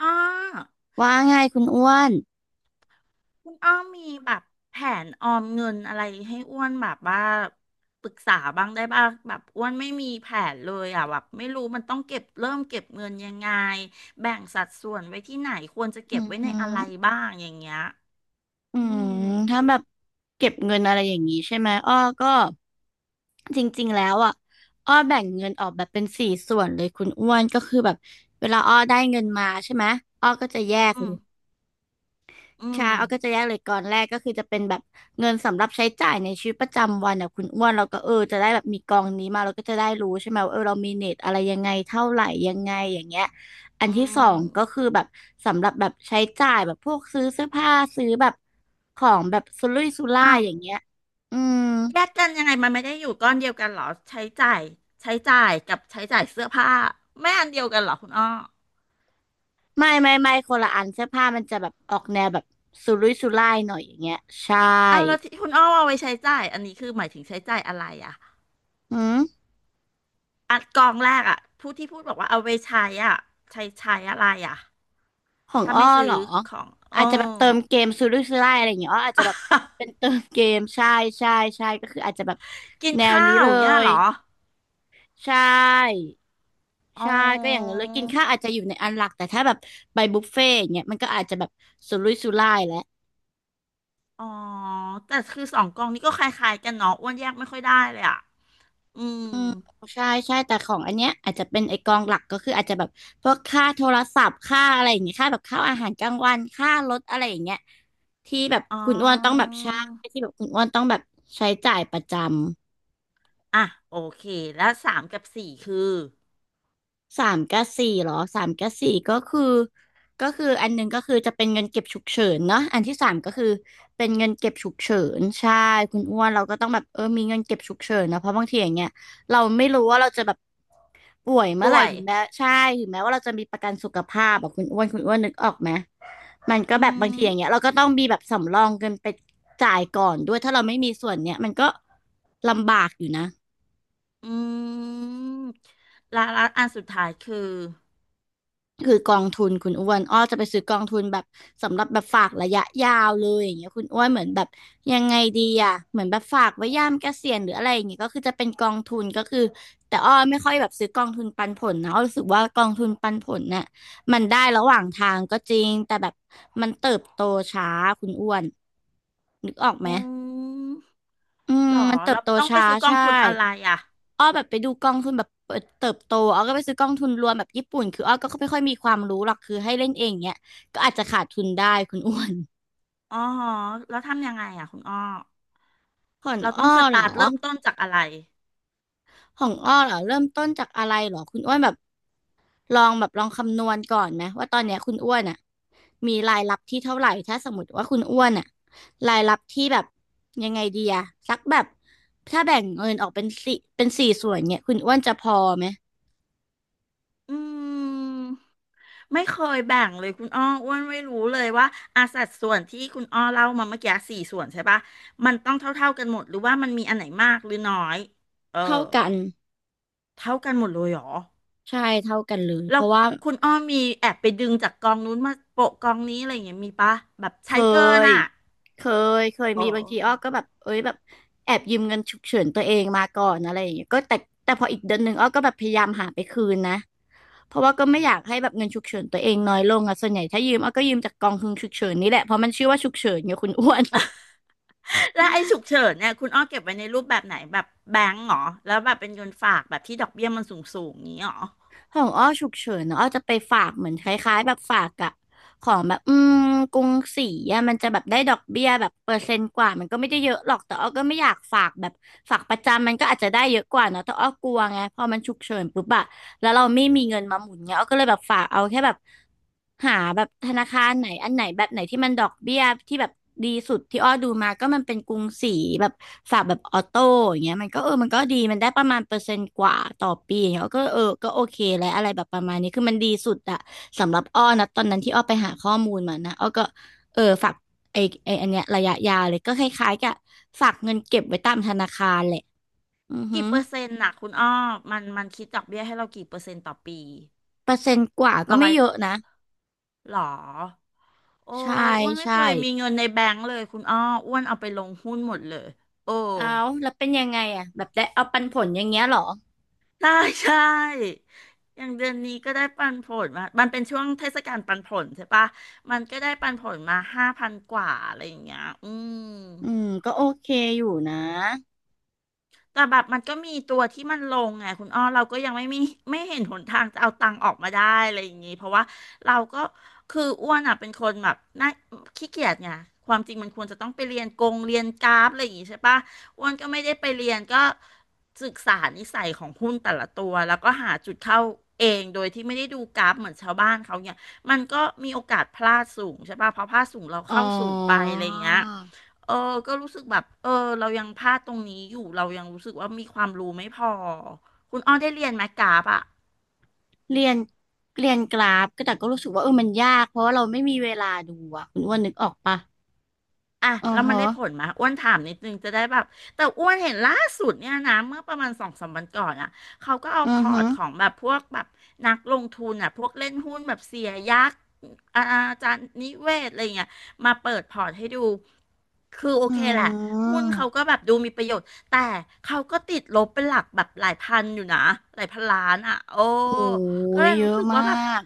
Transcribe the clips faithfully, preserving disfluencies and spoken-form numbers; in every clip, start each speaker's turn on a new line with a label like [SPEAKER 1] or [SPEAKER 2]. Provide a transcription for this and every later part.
[SPEAKER 1] อ้อ
[SPEAKER 2] ว่าไงายคุณอ้วน
[SPEAKER 1] คุณอ้อมมีแบบแผนออมเงินอะไรให้อ้วนแบบว่าปรึกษาบ้างได้บ้างแบบอ้วนไม่มีแผนเลยอ่ะแบบไม่รู้มันต้องเก็บเริ่มเก็บเงินยังไงแบ่งสัดส่วนไว้ที่ไหนควรจะเก็
[SPEAKER 2] อื
[SPEAKER 1] บ
[SPEAKER 2] อ
[SPEAKER 1] ไว้ใน
[SPEAKER 2] หื
[SPEAKER 1] อะ
[SPEAKER 2] อ
[SPEAKER 1] ไรบ้างอย่างเงี้ย
[SPEAKER 2] อื
[SPEAKER 1] อื
[SPEAKER 2] ม
[SPEAKER 1] ม
[SPEAKER 2] ถ้าแบบเก็บเงินอะไรอย่างนี้ใช่ไหมอ้อก็จริงๆ แล้วอ่ะอ้อแบ่งเงินออกแบบเป็นสี่ส่วนเลยคุณอ้วนก็คือแบบเวลาอ้อได้เงินมาใช่ไหมอ้อก็จะแยก
[SPEAKER 1] อื
[SPEAKER 2] เล
[SPEAKER 1] ม
[SPEAKER 2] ย
[SPEAKER 1] อืม
[SPEAKER 2] ใช่เอาก็จะแยกเลยก่อนแรกก็คือจะเป็นแบบเงินสำหรับใช้จ่ายในชีวิตประจำวันอ่ะคุณอ้วนเราก็เออจะได้แบบมีกองนี้มาเราก็จะได้รู้ใช่ไหมว่าเออเรามีเน็ตอะไรยังไงเท่าไหร่ยังไงอย่างเงี้ยอัน
[SPEAKER 1] อื
[SPEAKER 2] ที่สอ
[SPEAKER 1] ม
[SPEAKER 2] งก็คือแบบสำหรับแบบใช้จ่ายแบบพวกซื้อเสื้อผ้าซื้อแบบของแบบสุรุ่ยสุร่า
[SPEAKER 1] อ้า
[SPEAKER 2] ย
[SPEAKER 1] ว
[SPEAKER 2] อย่างเงี้ยอืม
[SPEAKER 1] แยกกันยังไงมันไม่ได้อยู่ก้อนเดียวกันเหรอใช้จ่ายใช้จ่ายกับใช้จ่ายเสื้อผ้าไม่อันเดียวกันเหรอคุณอ้อ
[SPEAKER 2] ไม่ไม่ไม่คนละอันเสื้อผ้ามันจะแบบออกแนวแบบสุรุ่ยสุร่ายหน่อยอย่างเงี้ยใช่
[SPEAKER 1] อ้าวแล้วที่คุณอ้อเอาไว้ใช้จ่ายอันนี้คือหมายถึงใช้จ่ายอะไรอ่ะ
[SPEAKER 2] อืม
[SPEAKER 1] อัดกองแรกอ่ะผู้ที่พูดบอกว่าเอาไปใช้อ่ะใช้ใช้อะไรอ่ะ
[SPEAKER 2] ของ
[SPEAKER 1] ถ้า
[SPEAKER 2] อ้อ
[SPEAKER 1] ไม่
[SPEAKER 2] เห
[SPEAKER 1] ซื้
[SPEAKER 2] ร
[SPEAKER 1] อ
[SPEAKER 2] อ
[SPEAKER 1] ของเอ
[SPEAKER 2] อาจจะแบบ
[SPEAKER 1] อ
[SPEAKER 2] เติมเกมซื้อดยซื้อไล่อะไรอย่างเงี้ยอ้ออาจจะแบบเป็น เติมเกมใช่ใช่ใช่ก็คืออาจจะแบบ
[SPEAKER 1] กิน
[SPEAKER 2] แนว
[SPEAKER 1] ข้า
[SPEAKER 2] นี้
[SPEAKER 1] ว
[SPEAKER 2] เล
[SPEAKER 1] อย่างเงี้ย
[SPEAKER 2] ย
[SPEAKER 1] เหรอ
[SPEAKER 2] ใช่
[SPEAKER 1] อ๋อ
[SPEAKER 2] ใช่ก็อย่างนั้นเลยกินข้าวอาจจะอยู่ในอันหลักแต่ถ้าแบบไปบุฟเฟ่ต์อย่างเงี้ยมันก็อาจจะแบบสุรุ่ยสุร่ายแล้ว
[SPEAKER 1] อ๋อแต่คือสองกองนี้ก็คล้ายๆกันเนาะอ้วนแยกไม่ค่อยได้เลยอ่ะอืม
[SPEAKER 2] อืมใช่ใช่แต่ของอันเนี้ยอาจจะเป็นไอกองหลักก็คืออาจจะแบบพวกค่าโทรศัพท์ค่าอะไรอย่างเงี้ยค่าแบบค่าอาหารกลางวันค่ารถอะไรอย่างเงี้ยที่แบบ
[SPEAKER 1] อ๋
[SPEAKER 2] คุณอ้วนต้องแบ
[SPEAKER 1] อ
[SPEAKER 2] บใช้ที่แบบคุณอ้วนต้องแบบใช้จ่ายประจำ
[SPEAKER 1] อ่ะโอเคแล้วสามกับสี่คือ
[SPEAKER 2] สามกับสี่เหรอสามกับสี่ก็คือก็คืออันหนึงก็คือจะเป็นเงินเก็บฉุกเฉินเนาะอันที่สามก็คือเป็นเงินเก็บฉุกเฉินใช่คุณอ้วนเราก็ต้องแบบเออมีเงินเก็บฉุกเฉินนะเพราะบางทีอย่างเงี้ยเราไม่รู้ว่าเราจะแบบ ป่วยเมื่อ
[SPEAKER 1] ป่
[SPEAKER 2] ไหร่
[SPEAKER 1] วย
[SPEAKER 2] ถึงแม้ใช่ถึงแม้ว่าเราจะมีประกันสุขภาพแบบคุณอ้วนคุณอ้วนนึกออกไหมมัน
[SPEAKER 1] อื
[SPEAKER 2] ก็แบบบาง
[SPEAKER 1] ม
[SPEAKER 2] ทีอย่างเงี้ยเราก็ต้องมีแบบสำรองเงินไปจ่ายก่อนด้วยถ้าเราไม่มีส่วนเนี้ยมันก็ลำบากอยู่นะ
[SPEAKER 1] อืมและและอันสุดท้ายคือ
[SPEAKER 2] คือกองทุนคุณอ้วนอ้อจะไปซื้อกองทุนแบบสำหรับแบบฝากระยะยาวเลยอย่างเงี้ยคุณอ้วนเหมือนแบบยังไงดีอ่ะเหมือนแบบฝากไว้ยามเกษียณหรืออะไรอย่างเงี้ยก็คือจะเป็นกองทุนก็คือแต่อ้อไม่ค่อยแบบซื้อกองทุนปันผลนะอ้อรู้สึกว่ากองทุนปันผลน่ะมันได้ระหว่างทางก็จริงแต่แบบมันเติบโตช้าคุณอ้วนนึกออกไหม
[SPEAKER 1] อืม
[SPEAKER 2] อืม
[SPEAKER 1] หรอ
[SPEAKER 2] มันเติ
[SPEAKER 1] แล้
[SPEAKER 2] บ
[SPEAKER 1] ว
[SPEAKER 2] โต
[SPEAKER 1] ต้องไป
[SPEAKER 2] ช้า
[SPEAKER 1] ซื้อกอง
[SPEAKER 2] ใช่
[SPEAKER 1] ทุนอะไรอ่ะ
[SPEAKER 2] อ้อแบบไปดูกองทุนแบบเปิดเติบโตอ้อก็ไปซื้อกองทุนรวมแบบญี่ปุ่นคืออ้อก็ไม่ค่อยมีความรู้หรอกคือให้เล่นเองเนี้ยก็อาจจะขาดทุนได้คุณอ้วน
[SPEAKER 1] อ๋อฮะแล้วทำยังไงอ่ะคุณอ้อ
[SPEAKER 2] ของ
[SPEAKER 1] เรา
[SPEAKER 2] อ้
[SPEAKER 1] ต้อ
[SPEAKER 2] อ
[SPEAKER 1] งส
[SPEAKER 2] เหรอ
[SPEAKER 1] ตาร์ทเริ่มต้นจากอะไร
[SPEAKER 2] ของอ้อเหรอเริ่มต้นจากอะไรเหรอคุณอ้วนแบบลองแบบลองคำนวณก่อนไหมว่าตอนเนี้ยคุณอ้วนอ่ะมีรายรับที่เท่าไหร่ถ้าสมมติว่าคุณอ้วนอ่ะรายรับที่แบบยังไงดีอะสักแบบถ้าแบ่งเงินออกเป็นสี่เป็นสี่ส่วนเนี่ยคุณอ้วนจะพอไหม
[SPEAKER 1] อืมไม่เคยแบ่งเลยคุณอ้ออ้วนไม่รู้เลยว่าอาสัดส่วนที่คุณอ้อเล่ามาเมื่อกี้สี่ส่วนใช่ปะมันต้องเท่าๆกันหมดหรือว่ามันมีอันไหนมากหรือน้อยเออ
[SPEAKER 2] เท่ากัน
[SPEAKER 1] เท่ากันหมดเลยเหรอ
[SPEAKER 2] ใช่เท่ากันเลยเพ
[SPEAKER 1] แล้ว
[SPEAKER 2] ราะว่า
[SPEAKER 1] คุณอ้อมีแอบไปดึงจากกองนู้นมาโปะกองนี้อะไรอย่างเงี้ยมีปะแบบ
[SPEAKER 2] เค
[SPEAKER 1] ใช้เกิน
[SPEAKER 2] ย
[SPEAKER 1] อ่ะ
[SPEAKER 2] เคยเคย
[SPEAKER 1] เออ
[SPEAKER 2] มีบางทีอ้อก็แบบเอ้ยแบบแอบยืมเงินฉุกเฉินตัวเองมาก่อนอะไรอย่างเงี้ยก็แต่แต่พออีกเดือนหนึ่งอ้อก็แบบพยายามหาไปคืนนะเพราะว่าก็ไม่อยากให้แบบเงินฉุกเฉินตัวเองน้อยลงอะส่วนใหญ่ถ้ายืมอ้อก็ยืมจากกองทุนฉุกเฉินนี่แหละเพราะมันชื่อว่าฉุกเฉินไงคุณอ้วน
[SPEAKER 1] แล้วไอ้ฉุกเฉินเนี่ยคุณอ้อเก็บไว้ในรูปแบบไหนแบบแบงก์เหรอแล้วแบบเป็นเงินฝากแบบที่ดอกเบี้ยมันสูงสูงนี้เหรอ
[SPEAKER 2] ของอ้อฉุกเฉินนอะอ้อจะไปฝากเหมือนคล้ายๆแบบฝากอะของแบบอืมกรุงศรีอะมันจะแบบได้ดอกเบี้ยแบบเปอร์เซ็นต์กว่ามันก็ไม่ได้เยอะหรอกแต่อ้อก็ไม่อยากฝากแบบฝากประจำมันก็อาจจะได้เยอะกว่าเนาะแต่อ้อกลัวไงพอมันฉุกเฉินปุ๊บอะแล้วเราไม่มีเงินมาหมุนเงี้ยอ้อก็เลยแบบฝากเอาแค่แบบ หาแบบธนาคารไหนอันไหนแบบไหนที่มันดอกเบี้ยที่แบบดีสุดที่อ้อดูมาก็มันเป็นกรุงศรีแบบฝากแบบออโต้อย่างเงี้ยมันก็เออมันก็ดีมันได้ประมาณเปอร์เซ็นต์กว่าต่อปีอย่างเงี้ยก็เออก็โอเคแล้วอะไรแบบประมาณนี้คือมันดีสุดอะสำหรับอ้อนะตอนนั้นที่อ้อไปหาข้อมูลมานะอ้อก็เออฝากไอไออันเนี้ยระยะยาวเลยก็คล้ายๆกับฝากเงินเก็บไว้ตามธนาคารแหละอือหื
[SPEAKER 1] กี่
[SPEAKER 2] อ
[SPEAKER 1] เปอร์เซ็นต์น่ะคุณอ้อมันมันคิดดอกเบี้ยให้เรากี่เปอร์เซ็นต์ต่อปี
[SPEAKER 2] เปอร์เซ็นต์กว่าก็
[SPEAKER 1] ร้อ
[SPEAKER 2] ไม่
[SPEAKER 1] ย
[SPEAKER 2] เยอะนะ
[SPEAKER 1] หรอโอ้
[SPEAKER 2] ใช่
[SPEAKER 1] อ้วนไม่
[SPEAKER 2] ใช่
[SPEAKER 1] เคยมีเงินในแบงก์เลยคุณอ้ออ้วนเอาไปลงหุ้นหมดเลยโอ้
[SPEAKER 2] เอาแล้วเป็นยังไงอ่ะแบบได้เอาปันผลอย่างเงี้ยเหรอ
[SPEAKER 1] ใช่ใช่อย่างเดือนนี้ก็ได้ปันผลมามันเป็นช่วงเทศกาลปันผลใช่ปะมันก็ได้ปันผลมาห้าพันกว่าอะไรอย่างเงี้ยอืม
[SPEAKER 2] อืม ก็โอเคอยู่นะ
[SPEAKER 1] แต่แบบมันก็มีตัวที่มันลงไงคุณอ้อเราก็ยังไม่มี ไม่เห็นหนทางจะเอาตังค์ออกมาได้อะไรอย่างงี้เพราะว่าเราก็คืออ้วนอ่ะเป็นคนแบบน่าขี้เกียจไงความจริงมันควรจะต้องไปเรียนกงเรียนกราฟอะไรอย่างงี้ใช่ปะอ้วนก็ไม่ได้ไปเรียนก็ศึกษานิสัยของหุ้นแต่ละตัวแล้วก็หาจุดเข้าเองโดยที่ไม่ได้ดูกราฟเหมือนชาวบ้านเขาเนี่ยมันก็มีโอกาสพลาดสูงใช่ปะเพราะพลาดสูงเรา
[SPEAKER 2] อ๋อ
[SPEAKER 1] เข้าสูงไปอะไรอย่างเงี้ย เออก็รู้สึกแบบเออเรายังพลาดตรงนี้อยู่เรายังรู้สึกว่ามีความรู้ไม่พอคุณอ้อได้เรียนไหมกราฟอะ
[SPEAKER 2] เรียนเรียนกราฟก็แต่ก็รู้สึกว่าเออมันยากเพราะว่าเราไม่มีเวลาดูอ่ะคุณอ้วนนึกออกปะ
[SPEAKER 1] อ่ะ
[SPEAKER 2] อือ
[SPEAKER 1] แล้วมันได้ผ
[SPEAKER 2] ฮะ
[SPEAKER 1] ลไหมอ้วนถามนิดนึงจะได้แบบแต่อ้วนเห็นล่าสุดเนี่ยนะเมื่อประมาณสองสามวันก่อนอ่ะเขาก็เอา
[SPEAKER 2] อื
[SPEAKER 1] พ
[SPEAKER 2] อ
[SPEAKER 1] อ
[SPEAKER 2] ฮะ
[SPEAKER 1] ร์ตของแบบพวกแบบนักลงทุนอ่ะพวกเล่นหุ้นแบบเสียยักษ์อาอาจารย์นิเวศอะไรเงี้ยมาเปิดพอร์ตให้ดูคือโอ
[SPEAKER 2] อื
[SPEAKER 1] เคแหละหุ้นเขา
[SPEAKER 2] ม
[SPEAKER 1] ก็แบบดูมีประโยชน์แต่เขาก็ติดลบเป็นหลักแบบหลายพันอยู่นะหลายพันล้านอ่ะโอ้
[SPEAKER 2] โอ้
[SPEAKER 1] ก็
[SPEAKER 2] ย
[SPEAKER 1] เลย
[SPEAKER 2] เย
[SPEAKER 1] รู้
[SPEAKER 2] อะ
[SPEAKER 1] สึก
[SPEAKER 2] มา
[SPEAKER 1] ว่าแบบ
[SPEAKER 2] ก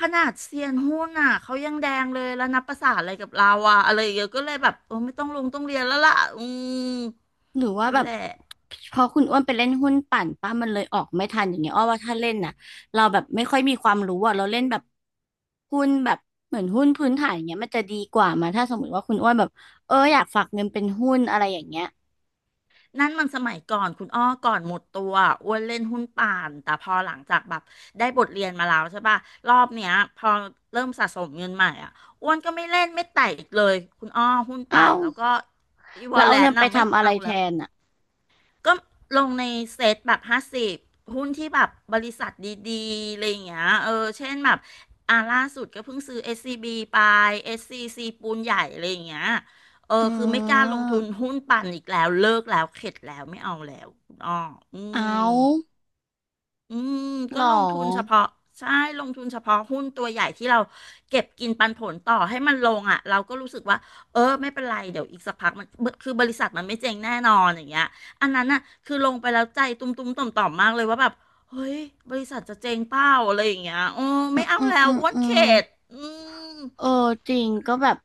[SPEAKER 1] ขนาดเซียนหุ้นอ่ะเขายังแดงเลยแล้วนับประสาอะไรกับเราอ่ะอะไรอย่างเงี้ยก็เลยแบบโอ้ไม่ต้องลงต้องเรียนแล้วล่ะอืม
[SPEAKER 2] หรือว่า
[SPEAKER 1] นั่
[SPEAKER 2] แบ
[SPEAKER 1] น
[SPEAKER 2] บ
[SPEAKER 1] แหละ
[SPEAKER 2] พอคุณอ้วนไปเล่นหุ้นปั่นป้ามันเลยออกไม่ทันอย่างเงี้ยอ้อว่าถ้าเล่นน่ะเราแบบไม่ค่อยมีความรู้อ่ะเราเล่นแบบหุ้นแบบเหมือนหุ้นพื้นฐานอย่างเงี้ยมันจะดีกว่ามาถ้าสมมติว่าคุณอ้วนแบบเอออยากฝากเงินเป็นหุ้นอะไรอย่างเงี้ย
[SPEAKER 1] นั่นมันสมัยก่อนคุณอ้อก่อนหมดตัวอ้วนเล่นหุ้นป่านแต่พอหลังจากแบบได้บทเรียนมาแล้วใช่ป่ะรอบเนี้ยพอเริ่มสะสมเงินใหม่อ่ะอ้วนก็ไม่เล่นไม่แตะอีกเลยคุณอ้อหุ้นป่า
[SPEAKER 2] เอ้า
[SPEAKER 1] นแล้วก็อีว
[SPEAKER 2] แล้
[SPEAKER 1] อ
[SPEAKER 2] ว
[SPEAKER 1] ล
[SPEAKER 2] เอา
[SPEAKER 1] เล
[SPEAKER 2] เงิ
[SPEAKER 1] น
[SPEAKER 2] นไป
[SPEAKER 1] น่ะไม่
[SPEAKER 2] ทำอะไร
[SPEAKER 1] เอา
[SPEAKER 2] แท
[SPEAKER 1] แล้ว
[SPEAKER 2] นอ่ะ
[SPEAKER 1] ก็ลงในเซ็ตแบบห้าสิบหุ้นที่แบบบริษัทดีๆอะไรอย่างเงี้ยเออเช่นแบบอ่าล่าสุดก็เพิ่งซื้อเอสซีบีไปเอสซีซีปูนใหญ่อะไรอย่างเงี้ยเอ
[SPEAKER 2] อื
[SPEAKER 1] อคือไม่กล้าลงทุน
[SPEAKER 2] ม
[SPEAKER 1] หุ้นปั่นอีกแล้วเลิกแล้วเข็ดแล้วไม่เอาแล้วคุณอ้ออื
[SPEAKER 2] เอ
[SPEAKER 1] ม
[SPEAKER 2] า
[SPEAKER 1] อืม
[SPEAKER 2] หร
[SPEAKER 1] ก็
[SPEAKER 2] อ
[SPEAKER 1] ลงทุนเฉพาะใช่ลงทุนเฉพาะหุ้นตัวใหญ่ที่เราเก็บกินปันผลต่อให้มันลงอ่ะเราก็รู้สึกว่าเออไม่เป็นไรเดี๋ยวอีกสักพักมันคือบริษัทมันไม่เจ๊งแน่นอนอย่างเงี้ยอันนั้นน่ะคือลงไปแล้วใจตุ้มตุ้มต่อมต่อมๆมากเลยว่าแบบเฮ้ยบริษัทจะเจ๊งเปล่าอะไรอย่างเงี้ยโอ้
[SPEAKER 2] อื
[SPEAKER 1] ไม่
[SPEAKER 2] ม
[SPEAKER 1] เอา
[SPEAKER 2] อืม
[SPEAKER 1] แล้
[SPEAKER 2] อื
[SPEAKER 1] ว
[SPEAKER 2] ม
[SPEAKER 1] อ้วน
[SPEAKER 2] อืม
[SPEAKER 1] เข็ดอืม
[SPEAKER 2] เออจริงก็แบบ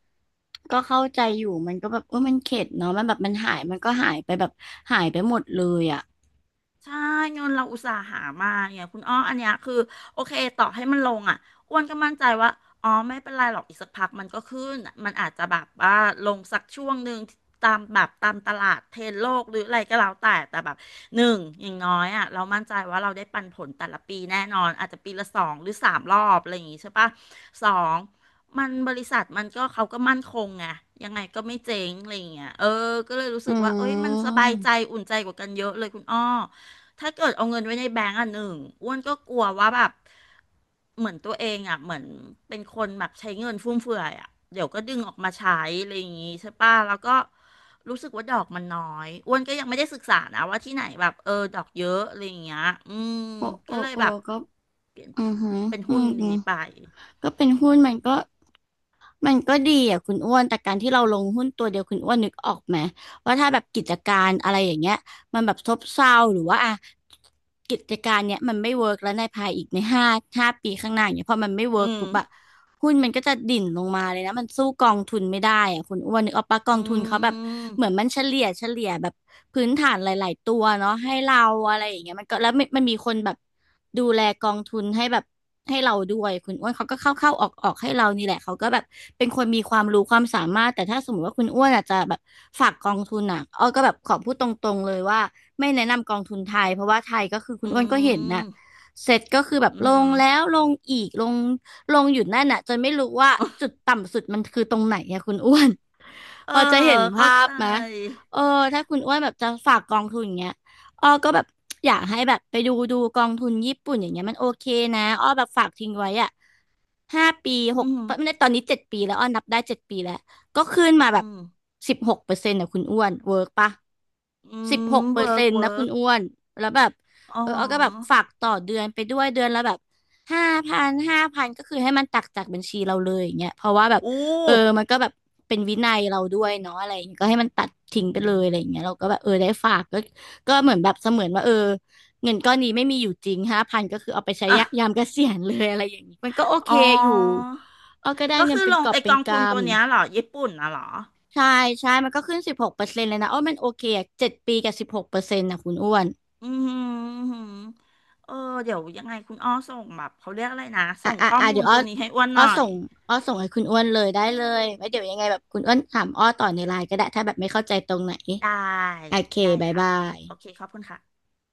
[SPEAKER 2] ก็เข้าใจอยู่มันก็แบบเออมันเข็ดเนาะมันแบบมันหายมันก็หายไปแบบหายไปหมดเลยอ่ะ
[SPEAKER 1] ใช่เงินเราอุตส่าห์หามาเนี่ยคุณอ้ออันเนี้ยคือโอเคต่อให้มันลงอ่ะอ้วนก็มั่นใจว่าอ๋อไม่เป็นไรหรอกอีกสักพักมันก็ขึ้นมันอาจจะแบบว่าลงสักช่วงหนึ่งตามแบบตามตลาดเทรนด์โลกหรืออะไรก็แล้วแต่แต่แบบหนึ่งอย่างน้อยอ่ะเรามั่นใจว่าเราได้ปันผลแต่ละปีแน่นอนอาจจะปีละสองหรือสามรอบอะไรอย่างงี้ใช่ปะสองมันบริษัทมันก็เขาก็มั่นคงไงยังไงก็ไม่เจ๊งอะไรอย่างเงี้ยเออก็เลยรู้
[SPEAKER 2] อื
[SPEAKER 1] สึกว่าเอ้ยมันสบายใจ
[SPEAKER 2] ม
[SPEAKER 1] อุ่นใจกว่ากันเยอะเลยคุณอ้อ ถ้าเกิดเอาเงินไว้ในแบงก์อ่ะหนึ่งอ้วนก็กลัวว่าแบบเหมือนตัวเองอ่ะเหมือนเป็นคนแบบใช้เงินฟุ่มเฟือยอ่ะเดี๋ยวก็ดึงออกมาใช้อะไรอย่างงี้ใช่ป่ะแล้วก็รู้สึกว่าดอกมันน้อยอ้วนก็ยังไม่ได้ศึกษานะว่าที่ไหนแบบเออดอกเยอะอะไรอย่างเงี้ยอืม
[SPEAKER 2] โอโอ
[SPEAKER 1] ก็เลย
[SPEAKER 2] โอ
[SPEAKER 1] แบบ
[SPEAKER 2] ก็
[SPEAKER 1] เปลี่ยน
[SPEAKER 2] อือหือ
[SPEAKER 1] เป็น
[SPEAKER 2] อื
[SPEAKER 1] หุ้นดี
[SPEAKER 2] ม
[SPEAKER 1] ไป
[SPEAKER 2] ก็เป็นหุ้นมันก็ มันก็ดีอ่ะคุณอ้วน แต่การที่เราลงหุ้นตัวเดียวคุณอ้วนนึกออกไหมว่าถ้าแบบกิจการอะไรอย่างเงี้ยมันแบบซบเซาหรือว่าอ่ะ กิจการเนี้ยมันไม่เวิร์กแล้วในภายอีกในห้าห้าปีข้างหน้าเนี้ยพอมันไม่
[SPEAKER 1] อื
[SPEAKER 2] เวิร์กปุ๊บอะ
[SPEAKER 1] ม
[SPEAKER 2] หุ้นมันก็จะดิ่นลงมาเลยนะมันสู้กองทุนไม่ได้อะคุณอ้วนนึกออกปะกอ
[SPEAKER 1] อื
[SPEAKER 2] งทุนเขาแบบเหมือน
[SPEAKER 1] ม
[SPEAKER 2] มันเฉลี่ยเฉลี่ยแบบพื้นฐานหลายๆตัวเนาะให้เราอะไรอย่างเงี้ยมันก็แล้วมันมันมีคนแบบดูแลกองทุนให้แบบให้เราด้วยคุณอ้วนเขาก็เข้าเข้าออกออกให้เรานี่แหละเขาก็แบบเป็นคนมีความรู้ความสามารถแต่ถ้าสมมติว่าคุณอ้วนอาจจะแบบฝากกองทุนอ่ะอ้อก็แบบขอพูดตรงๆเลยว่าไม่แนะนำกองทุนไทยเพราะว่าไทยก็คือคุ
[SPEAKER 1] อื
[SPEAKER 2] ณอ้วนก็เห็นน่ะ
[SPEAKER 1] ม
[SPEAKER 2] เสร็จก็คือแบบ
[SPEAKER 1] อื
[SPEAKER 2] ลงแล้ว
[SPEAKER 1] ม
[SPEAKER 2] ลงอีกลง ลงอยู่นั่นน่ะจนไม่รู้ว่าจุดต่ำสุดมันคือตรงไหนอะคุณอ้วน
[SPEAKER 1] เอ
[SPEAKER 2] พ
[SPEAKER 1] อ
[SPEAKER 2] อจะเห็น
[SPEAKER 1] เข้า
[SPEAKER 2] ภาพ
[SPEAKER 1] ใจ
[SPEAKER 2] ไหมเออถ้าคุณอ้วนแบบจะฝากกองทุนอย่างเงี้ยอ้อก็แบบอยากให้แบบไปดูดูกองทุนญี่ปุ่นอย่างเงี้ยมันโอเคนะอ้อแบบฝากทิ้งไว้อะ ห้าปีห
[SPEAKER 1] อื
[SPEAKER 2] ก
[SPEAKER 1] ม
[SPEAKER 2] ไม่ได้ตอนนี้เจ็ดปีแล้วอ้อนับได้เจ็ดปีแล้วก็ขึ้นมาแบ
[SPEAKER 1] อื
[SPEAKER 2] บ
[SPEAKER 1] ม
[SPEAKER 2] สิบหกเปอร์เซ็นต์นะคุณอ้วนเวิร์กปะ
[SPEAKER 1] อื
[SPEAKER 2] สิบห
[SPEAKER 1] ม
[SPEAKER 2] กเปอ
[SPEAKER 1] เวิ
[SPEAKER 2] ร์
[SPEAKER 1] ร์
[SPEAKER 2] เซ็
[SPEAKER 1] ก
[SPEAKER 2] นต์
[SPEAKER 1] เวิ
[SPEAKER 2] นะคุ
[SPEAKER 1] ร์
[SPEAKER 2] ณ
[SPEAKER 1] ก
[SPEAKER 2] อ้วนแล้วแบบ
[SPEAKER 1] อ๋อ
[SPEAKER 2] เออเอาก็แบบฝากต่อเดือนไปด้วยเดือนละแบบห้าพันห้าพันก็คือให้มันตักจากบัญชีเราเลยอย่างเงี้ยเพราะว่าแบบ
[SPEAKER 1] อู้
[SPEAKER 2] เออมันก็แบบเป็นวินัยเราด้วยเนาะอะไรอย่างเงี้ยก็ให้มันตัดทิ้งไปเลยอะไรอย่างเงี้ยเราก็แบบเออได้ฝากก็ก็เหมือนแบบเสมือนว่าเออ เงินก้อนนี้ไม่มีอยู่จริงห้าพันก็คือเอาไปใช้
[SPEAKER 1] อ่ะ
[SPEAKER 2] ยะยามเกษียณเลยอะไรอย่างนี้มันก็โอเค
[SPEAKER 1] อ๋อ
[SPEAKER 2] อยู่เอาก็ได้
[SPEAKER 1] ก็
[SPEAKER 2] เงิน
[SPEAKER 1] คือ
[SPEAKER 2] เป็
[SPEAKER 1] ล
[SPEAKER 2] นก
[SPEAKER 1] ง
[SPEAKER 2] อบ
[SPEAKER 1] ไอ
[SPEAKER 2] เป็
[SPEAKER 1] ก
[SPEAKER 2] น
[SPEAKER 1] องทุน
[SPEAKER 2] กำ
[SPEAKER 1] ตัวเนี้ยเหรอญี่ปุ่นน่ะเหรอ
[SPEAKER 2] ใช่ใช่มันก็ขึ้นสิบหกเปอร์เซ็นต์เลยนะอ้อมันโอเคอะเจ็ดปีกับสิบหกเปอร์เซ็นต์นะคุณอ้วน
[SPEAKER 1] อืมืมหืมเออเดี๋ยวยังไงคุณอ้อส่งแบบเขาเรียกอะไรนะ
[SPEAKER 2] อ่ะ
[SPEAKER 1] ส่ง
[SPEAKER 2] อ่ะ
[SPEAKER 1] ข้อ
[SPEAKER 2] อ่ะ
[SPEAKER 1] มู
[SPEAKER 2] เดี๋ย
[SPEAKER 1] ล
[SPEAKER 2] วอ้
[SPEAKER 1] ตั
[SPEAKER 2] อ
[SPEAKER 1] วนี้ให้อ้วนห
[SPEAKER 2] อ้อ
[SPEAKER 1] น่อ
[SPEAKER 2] ส่
[SPEAKER 1] ย
[SPEAKER 2] งอ้อส่งให้คุณอ้วนเลยได้เลยไว้เดี๋ยวยังไงแบบคุณอ้วนถามอ้อต่อในไลน์ก็ได้ถ้าแบบไม่เข้าใจตรงไหน
[SPEAKER 1] ได้
[SPEAKER 2] โอเค
[SPEAKER 1] ได้
[SPEAKER 2] บาย
[SPEAKER 1] ค่ะ
[SPEAKER 2] บาย
[SPEAKER 1] โอเคขอบคุณค่ะ